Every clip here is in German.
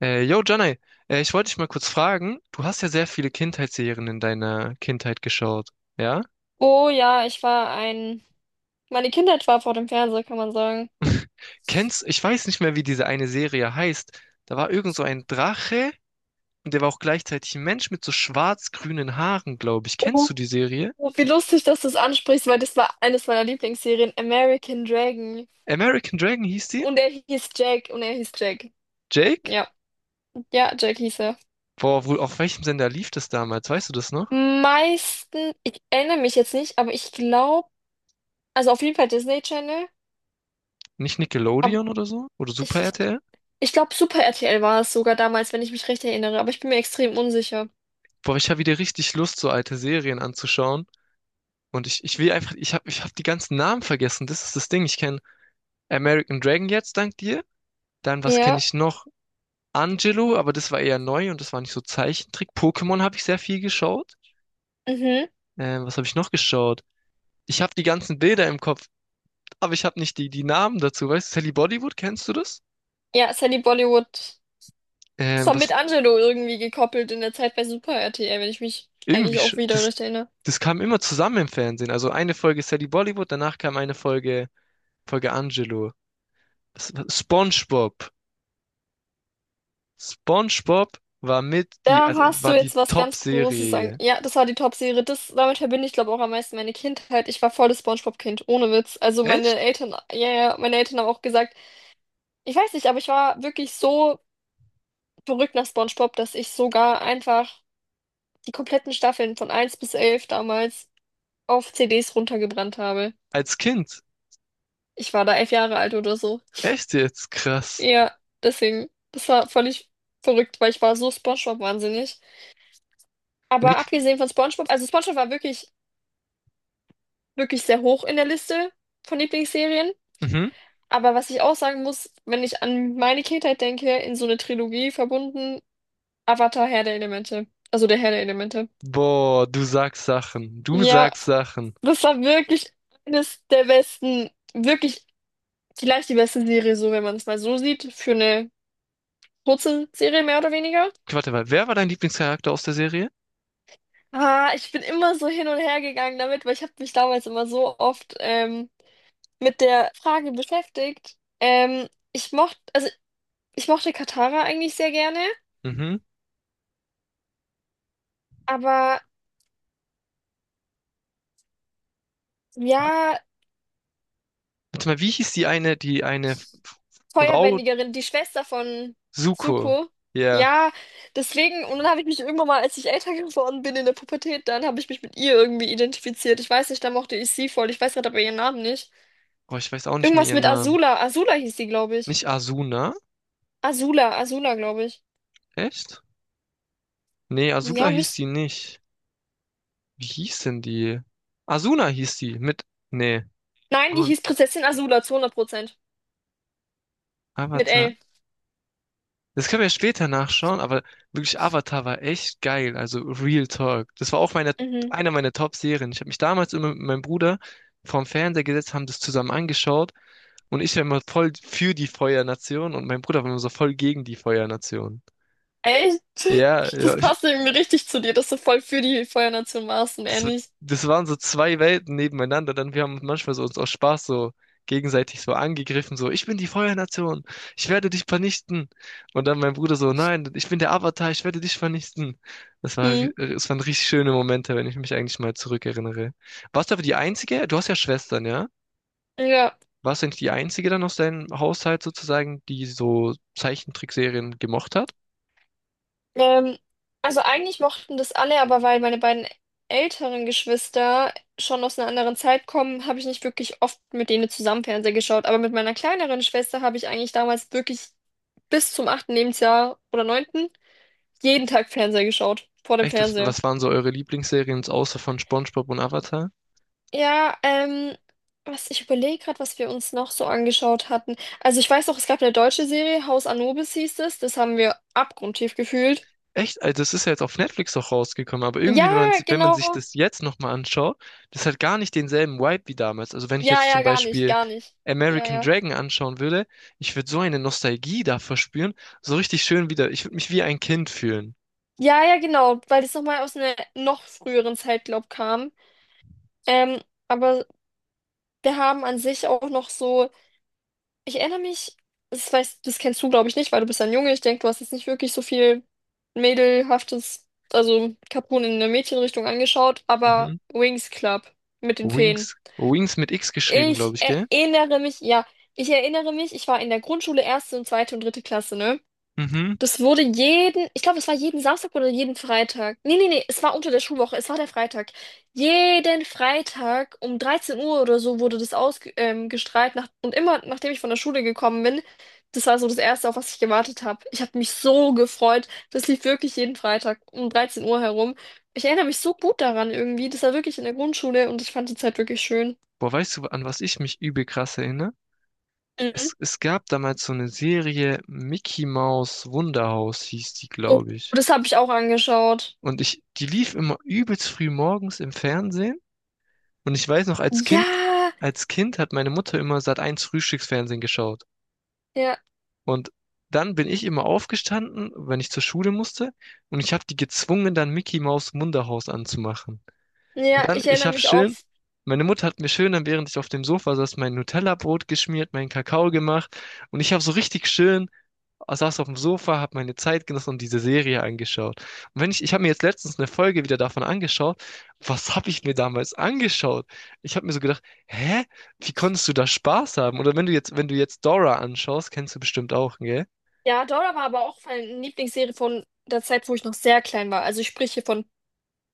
Yo, Janai, ich wollte dich mal kurz fragen. Du hast ja sehr viele Kindheitsserien in deiner Kindheit geschaut, ja? Oh ja, ich war ein. Meine Kindheit war vor dem Fernseher, kann man sagen. Ich weiß nicht mehr, wie diese eine Serie heißt. Da war irgend so ein Drache und der war auch gleichzeitig ein Mensch mit so schwarz-grünen Haaren, glaube ich. Kennst Oh, du die Serie? wie lustig, dass du es ansprichst, weil das war eines meiner Lieblingsserien, American Dragon. American Dragon hieß die? Und er hieß Jack und er hieß Jack. Jake? Ja. Ja, Jack hieß er. Boah, wo, auf welchem Sender lief das damals? Weißt du das noch? Meisten, ich erinnere mich jetzt nicht, aber ich glaube, also auf jeden Fall Disney Channel, Nicht aber Nickelodeon oder so? Oder Super ich, ich, RTL? ich glaube Super RTL war es sogar damals, wenn ich mich recht erinnere, aber ich bin mir extrem unsicher. Boah, ich habe wieder richtig Lust, so alte Serien anzuschauen. Und ich will einfach, ich hab die ganzen Namen vergessen. Das ist das Ding. Ich kenne American Dragon jetzt, dank dir. Dann, was kenne Ja, ich noch? Angelo, aber das war eher neu und das war nicht so Zeichentrick. Pokémon habe ich sehr viel geschaut. mhm. Was habe ich noch geschaut? Ich habe die ganzen Bilder im Kopf, aber ich habe nicht die Namen dazu. Weißt du, Sally Bollywood, kennst du das? Ja, Sally Bollywood. Das Ähm, war was mit Angelo irgendwie gekoppelt in der Zeit bei Super RTL, wenn ich mich irgendwie, eigentlich auch sch- wieder das, recht erinnere. das kam immer zusammen im Fernsehen. Also eine Folge Sally Bollywood, danach kam eine Folge Angelo. SpongeBob. SpongeBob war mit die, Da also hast du war die jetzt was ganz Großes an. Top-Serie. Ja, das war die Top-Serie. Das, damit verbinde ich, glaube ich, auch am meisten meine Kindheit. Ich war volles SpongeBob-Kind, ohne Witz. Also meine Echt? Eltern, ja, ja, meine Eltern haben auch gesagt, ich weiß nicht, aber ich war wirklich so verrückt nach SpongeBob, dass ich sogar einfach die kompletten Staffeln von 1 bis 11 damals auf CDs runtergebrannt habe. Als Kind. Ich war da 11 Jahre alt oder so. Echt jetzt? Krass. Ja, deswegen, das war völlig verrückt, weil ich war so SpongeBob wahnsinnig. Aber Nick, abgesehen von SpongeBob, also SpongeBob war wirklich, wirklich sehr hoch in der Liste von Lieblingsserien. mhm. Aber was ich auch sagen muss, wenn ich an meine Kindheit denke, in so eine Trilogie verbunden, Avatar, Herr der Elemente. Also der Herr der Elemente. Boah, du sagst Sachen. Du Ja, sagst Sachen. das war wirklich eines der besten, wirklich vielleicht die beste Serie, so wenn man es mal so sieht, für eine kurze Serie mehr oder weniger. Okay, warte mal, wer war dein Lieblingscharakter aus der Serie? Ah, ich bin immer so hin und her gegangen damit, weil ich habe mich damals immer so oft mit der Frage beschäftigt. Ich mochte, also ich mochte Katara eigentlich sehr gerne, Mhm. aber ja, Warte mal, wie hieß die eine Frau Feuerbändigerin, die Schwester von Zuko? Zuko. Ja. Yeah. Ja, deswegen, und dann habe ich mich irgendwann mal, als ich älter geworden bin in der Pubertät, dann habe ich mich mit ihr irgendwie identifiziert. Ich weiß nicht, da mochte ich sie voll. Ich weiß gerade aber ihren Namen nicht. Boah, ich weiß auch nicht mehr Irgendwas ihren mit Namen. Azula. Azula hieß sie, glaube ich. Nicht Asuna? Azula, Azula, glaube ich. Echt? Nee, Azula Ja, hieß müsste. die nicht. Wie hieß denn die? Asuna hieß die mit. Nee. Nein, die Und hieß Prinzessin Azula zu 100%. Mit Avatar. L. Das können wir ja später nachschauen, aber wirklich Avatar war echt geil, also Real Talk. Das war auch meine, Mhm. eine meiner Top-Serien. Ich habe mich damals immer mit meinem Bruder vorm Fernseher gesetzt, haben das zusammen angeschaut und ich war immer voll für die Feuernation und mein Bruder war immer so voll gegen die Feuernation. Echt? Ja, ja. Das passt irgendwie richtig zu dir, dass du voll für die Feuernation warst und er Das, w- nicht. Das waren so zwei Welten nebeneinander. Dann wir haben manchmal so uns aus Spaß so gegenseitig so angegriffen, so, ich bin die Feuernation, ich werde dich vernichten. Und dann mein Bruder so, nein, ich bin der Avatar, ich werde dich vernichten. Das war, Hm. das waren richtig schöne Momente, wenn ich mich eigentlich mal zurückerinnere. Warst du aber die Einzige? Du hast ja Schwestern, ja? Ja. Warst du nicht die Einzige dann aus deinem Haushalt sozusagen, die so Zeichentrickserien gemocht hat? Ähm, also eigentlich mochten das alle, aber weil meine beiden älteren Geschwister schon aus einer anderen Zeit kommen, habe ich nicht wirklich oft mit denen zusammen Fernseher geschaut. Aber mit meiner kleineren Schwester habe ich eigentlich damals wirklich bis zum achten Lebensjahr oder neunten jeden Tag Fernseher geschaut. Vor dem Echt, was, Fernseher. was waren so eure Lieblingsserien außer von SpongeBob und Avatar? Ja, was ich überlege gerade, was wir uns noch so angeschaut hatten. Also ich weiß noch, es gab eine deutsche Serie, Haus Anubis hieß es. Das haben wir abgrundtief gefühlt. Echt, also das ist ja jetzt auf Netflix auch rausgekommen, aber irgendwie, Ja, wenn man sich genau. das jetzt nochmal anschaut, das hat gar nicht denselben Vibe wie damals. Also wenn ich Ja, jetzt zum ja, gar nicht, Beispiel gar nicht. Ja, American ja. Dragon anschauen würde, ich würde so eine Nostalgie da verspüren, so richtig schön wieder, ich würde mich wie ein Kind fühlen. Ja, ja, genau, weil das nochmal aus einer noch früheren Zeit, glaub, kam. Ähm, aber wir haben an sich auch noch so. Ich erinnere mich, das weißt, das kennst du, glaube ich, nicht, weil du bist ein Junge. Ich denke, du hast jetzt nicht wirklich so viel mädelhaftes, also Capone in der Mädchenrichtung angeschaut, aber Mhm. Wings Club mit den Feen. Wings. Wings mit X geschrieben, Ich glaube ich, gell? erinnere mich, ja, ich erinnere mich, ich war in der Grundschule erste und zweite und dritte Klasse, ne? Mhm. Das wurde jeden, ich glaube, es war jeden Samstag oder jeden Freitag. Nee, nee, nee, es war unter der Schulwoche, es war der Freitag. Jeden Freitag um 13 Uhr oder so wurde das ausgestrahlt. Gestrahlt nach, und immer, nachdem ich von der Schule gekommen bin, das war so das Erste, auf was ich gewartet habe. Ich habe mich so gefreut. Das lief wirklich jeden Freitag um 13 Uhr herum. Ich erinnere mich so gut daran irgendwie. Das war wirklich in der Grundschule und ich fand die Zeit wirklich schön. Boah, weißt du, an was ich mich übel krass erinnere? Mhm. Es gab damals so eine Serie Mickey Mouse Wunderhaus, hieß die, Oh, glaube ich. das habe ich auch angeschaut. Und ich, die lief immer übelst früh morgens im Fernsehen. Und ich weiß noch, Ja, als Kind hat meine Mutter immer Sat.1 Frühstücksfernsehen geschaut. ja, Und dann bin ich immer aufgestanden, wenn ich zur Schule musste. Und ich habe die gezwungen, dann Mickey Maus Munderhaus anzumachen. ja, Und dann, ich ich erinnere habe mich auch. schön, meine Mutter hat mir schön, dann während ich auf dem Sofa saß, mein Nutella-Brot geschmiert, meinen Kakao gemacht. Und ich habe so richtig schön Ah, saß auf dem Sofa, habe meine Zeit genossen und diese Serie angeschaut. Und wenn ich, ich habe mir jetzt letztens eine Folge wieder davon angeschaut. Was habe ich mir damals angeschaut? Ich habe mir so gedacht, hä? Wie konntest du da Spaß haben? Oder wenn du jetzt, wenn du jetzt Dora anschaust, kennst du bestimmt auch, gell? Ja, Dora war aber auch meine Lieblingsserie von der Zeit, wo ich noch sehr klein war. Also ich spreche hier von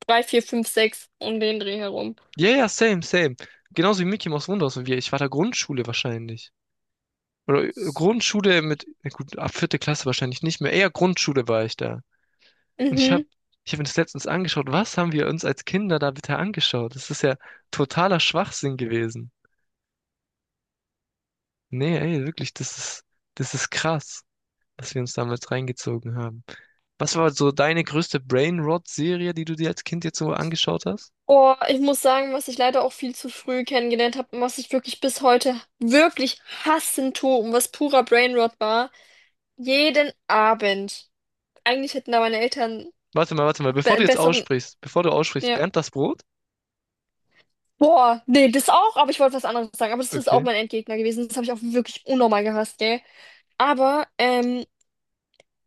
3, 4, 5, 6 um den Dreh herum. Ja, ja, same, same. Genauso wie Mickey Mouse Wunderhaus und wir. Ich war da Grundschule wahrscheinlich. Oder Grundschule mit, na gut, ab vierte Klasse wahrscheinlich nicht mehr. Eher Grundschule war ich da. Und ich habe Mhm. ich hab mir das letztens angeschaut. Was haben wir uns als Kinder da bitte angeschaut? Das ist ja totaler Schwachsinn gewesen. Nee, ey, wirklich, das ist krass, was wir uns damals reingezogen haben. Was war so deine größte Brainrot-Serie, die du dir als Kind jetzt so angeschaut hast? Oh, ich muss sagen, was ich leider auch viel zu früh kennengelernt habe und was ich wirklich bis heute wirklich hassen tue und was purer Brainrot war. Jeden Abend. Eigentlich hätten da meine Eltern Warte mal, bevor be du jetzt besseren. aussprichst, bevor du aussprichst, Ja. Bernd das Brot? Boah, nee, das auch, aber ich wollte was anderes sagen. Aber das ist auch Okay. mein Endgegner gewesen. Das habe ich auch wirklich unnormal gehasst, gell? Aber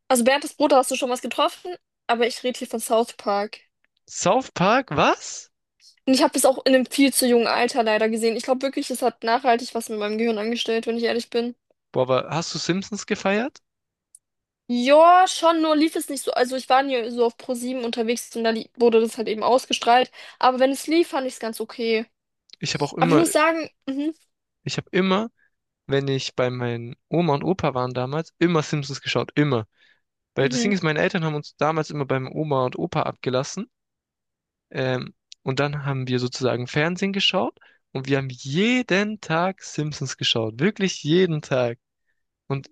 also Bernd, Bruder hast du schon was getroffen, aber ich rede hier von South Park. South Park, was? Und ich habe es auch in einem viel zu jungen Alter leider gesehen. Ich glaube wirklich, es hat nachhaltig was mit meinem Gehirn angestellt, wenn ich ehrlich bin. Boah, aber hast du Simpsons gefeiert? Ja, schon, nur lief es nicht so. Also ich war nie so auf ProSieben unterwegs und da wurde das halt eben ausgestrahlt. Aber wenn es lief, fand ich es ganz okay. Ich habe auch Aber ich immer, muss sagen, ich habe immer, wenn ich bei meinen Oma und Opa waren damals, immer Simpsons geschaut, immer. Weil das Ding mhm, ist, meine Eltern haben uns damals immer beim Oma und Opa abgelassen. Ähm, und dann haben wir sozusagen Fernsehen geschaut und wir haben jeden Tag Simpsons geschaut. Wirklich jeden Tag. Und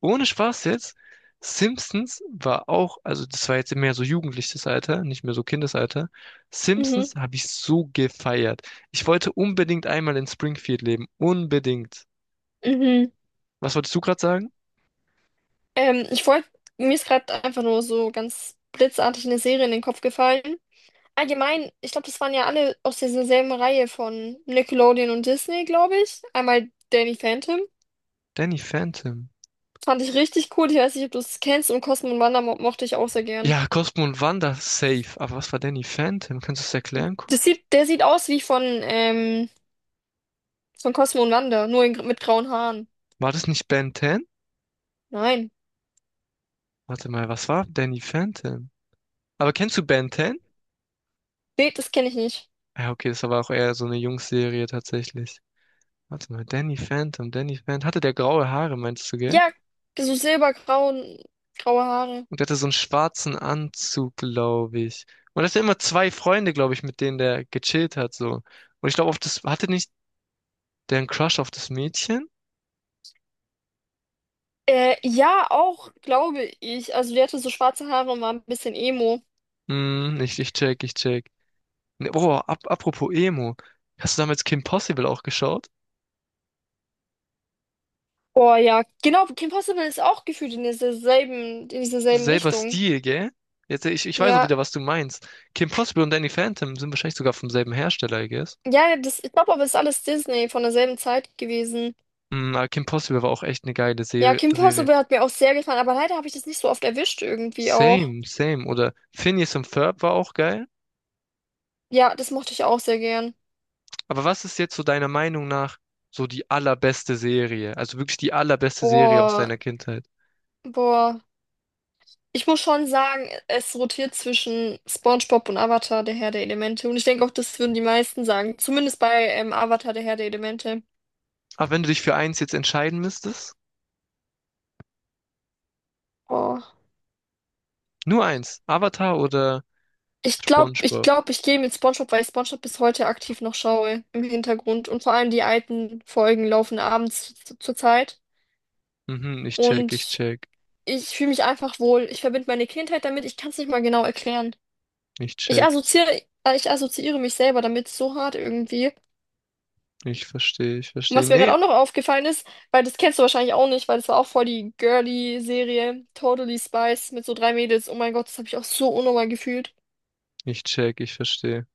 ohne Spaß jetzt, Simpsons war auch, also das war jetzt mehr so jugendliches Alter, nicht mehr so Kindesalter. mhm, Simpsons habe ich so gefeiert. Ich wollte unbedingt einmal in Springfield leben. Unbedingt. mhm. Was wolltest du gerade sagen? Ich wollte, mir ist gerade einfach nur so ganz blitzartig eine Serie in den Kopf gefallen. Allgemein, ich glaube, das waren ja alle aus dieser selben Reihe von Nickelodeon und Disney, glaube ich. Einmal Danny Phantom. Danny Phantom. Fand ich richtig cool. Ich weiß nicht, ob du es kennst. Und Cosmo und Wanda mo mochte ich auch sehr gern. Ja, Cosmo und Wanda, safe. Aber was war Danny Phantom? Kannst du es erklären? Der sieht aus wie von Cosmo und Wanda, nur in, mit grauen Haaren. War das nicht Ben 10? Nein. Warte mal, was war Danny Phantom? Aber kennst du Ben 10? Nee, das kenne ich nicht. Ja, okay, das war auch eher so eine Jungsserie tatsächlich. Warte mal, Danny Phantom, Danny Phantom. Hatte der graue Haare, meinst du, gell? Ja, so silbergrauen, graue Haare. Und der hatte so einen schwarzen Anzug, glaube ich. Und das sind immer zwei Freunde, glaube ich, mit denen der gechillt hat, so. Und ich glaube, auf das, hatte nicht der einen Crush auf das Mädchen? Ja, auch, glaube ich. Also, die hatte so schwarze Haare und war ein bisschen Emo. Hm, ich check, ich check. Ne, Boah, ap apropos Emo. Hast du damals Kim Possible auch geschaut? Oh ja, genau, Kim Possible ist auch gefühlt in dieser selben Selber Richtung. Stil, gell? Jetzt, ich weiß auch Ja, wieder, was du meinst. Kim Possible und Danny Phantom sind wahrscheinlich sogar vom selben Hersteller, I guess. ja, das, ich glaube aber, es ist alles Disney von derselben Zeit gewesen. Mm, aber Kim Possible war auch echt eine geile Ja, Serie, Kim Serie. Possible hat mir auch sehr gefallen, aber leider habe ich das nicht so oft erwischt irgendwie auch. Same, same. Oder Phineas und Ferb war auch geil. Ja, das mochte ich auch sehr gern. Aber was ist jetzt so deiner Meinung nach so die allerbeste Serie? Also wirklich die allerbeste Serie aus Boah, deiner Kindheit. boah. Ich muss schon sagen, es rotiert zwischen SpongeBob und Avatar, der Herr der Elemente. Und ich denke auch, das würden die meisten sagen. Zumindest bei Avatar, der Herr der Elemente. Aber wenn du dich für eins jetzt entscheiden müsstest, Boah. nur eins, Avatar oder Ich glaube, ich SpongeBob? glaube, ich gehe mit SpongeBob, weil ich SpongeBob bis heute aktiv noch schaue im Hintergrund. Und vor allem die alten Folgen laufen abends zur Zeit. Mhm, ich check, ich Und check. ich fühle mich einfach wohl. Ich verbinde meine Kindheit damit. Ich kann es nicht mal genau erklären. Ich Ich check. assoziiere, äh, ich assoziiere mich selber damit so hart irgendwie. Ich verstehe. Ich Und verstehe. was mir Nee, gerade auch noch aufgefallen ist, weil das kennst du wahrscheinlich auch nicht, weil das war auch voll die girly Serie, Totally spice mit so drei Mädels. Oh mein Gott, das habe ich auch so unnormal gefühlt. ich check. Ich verstehe.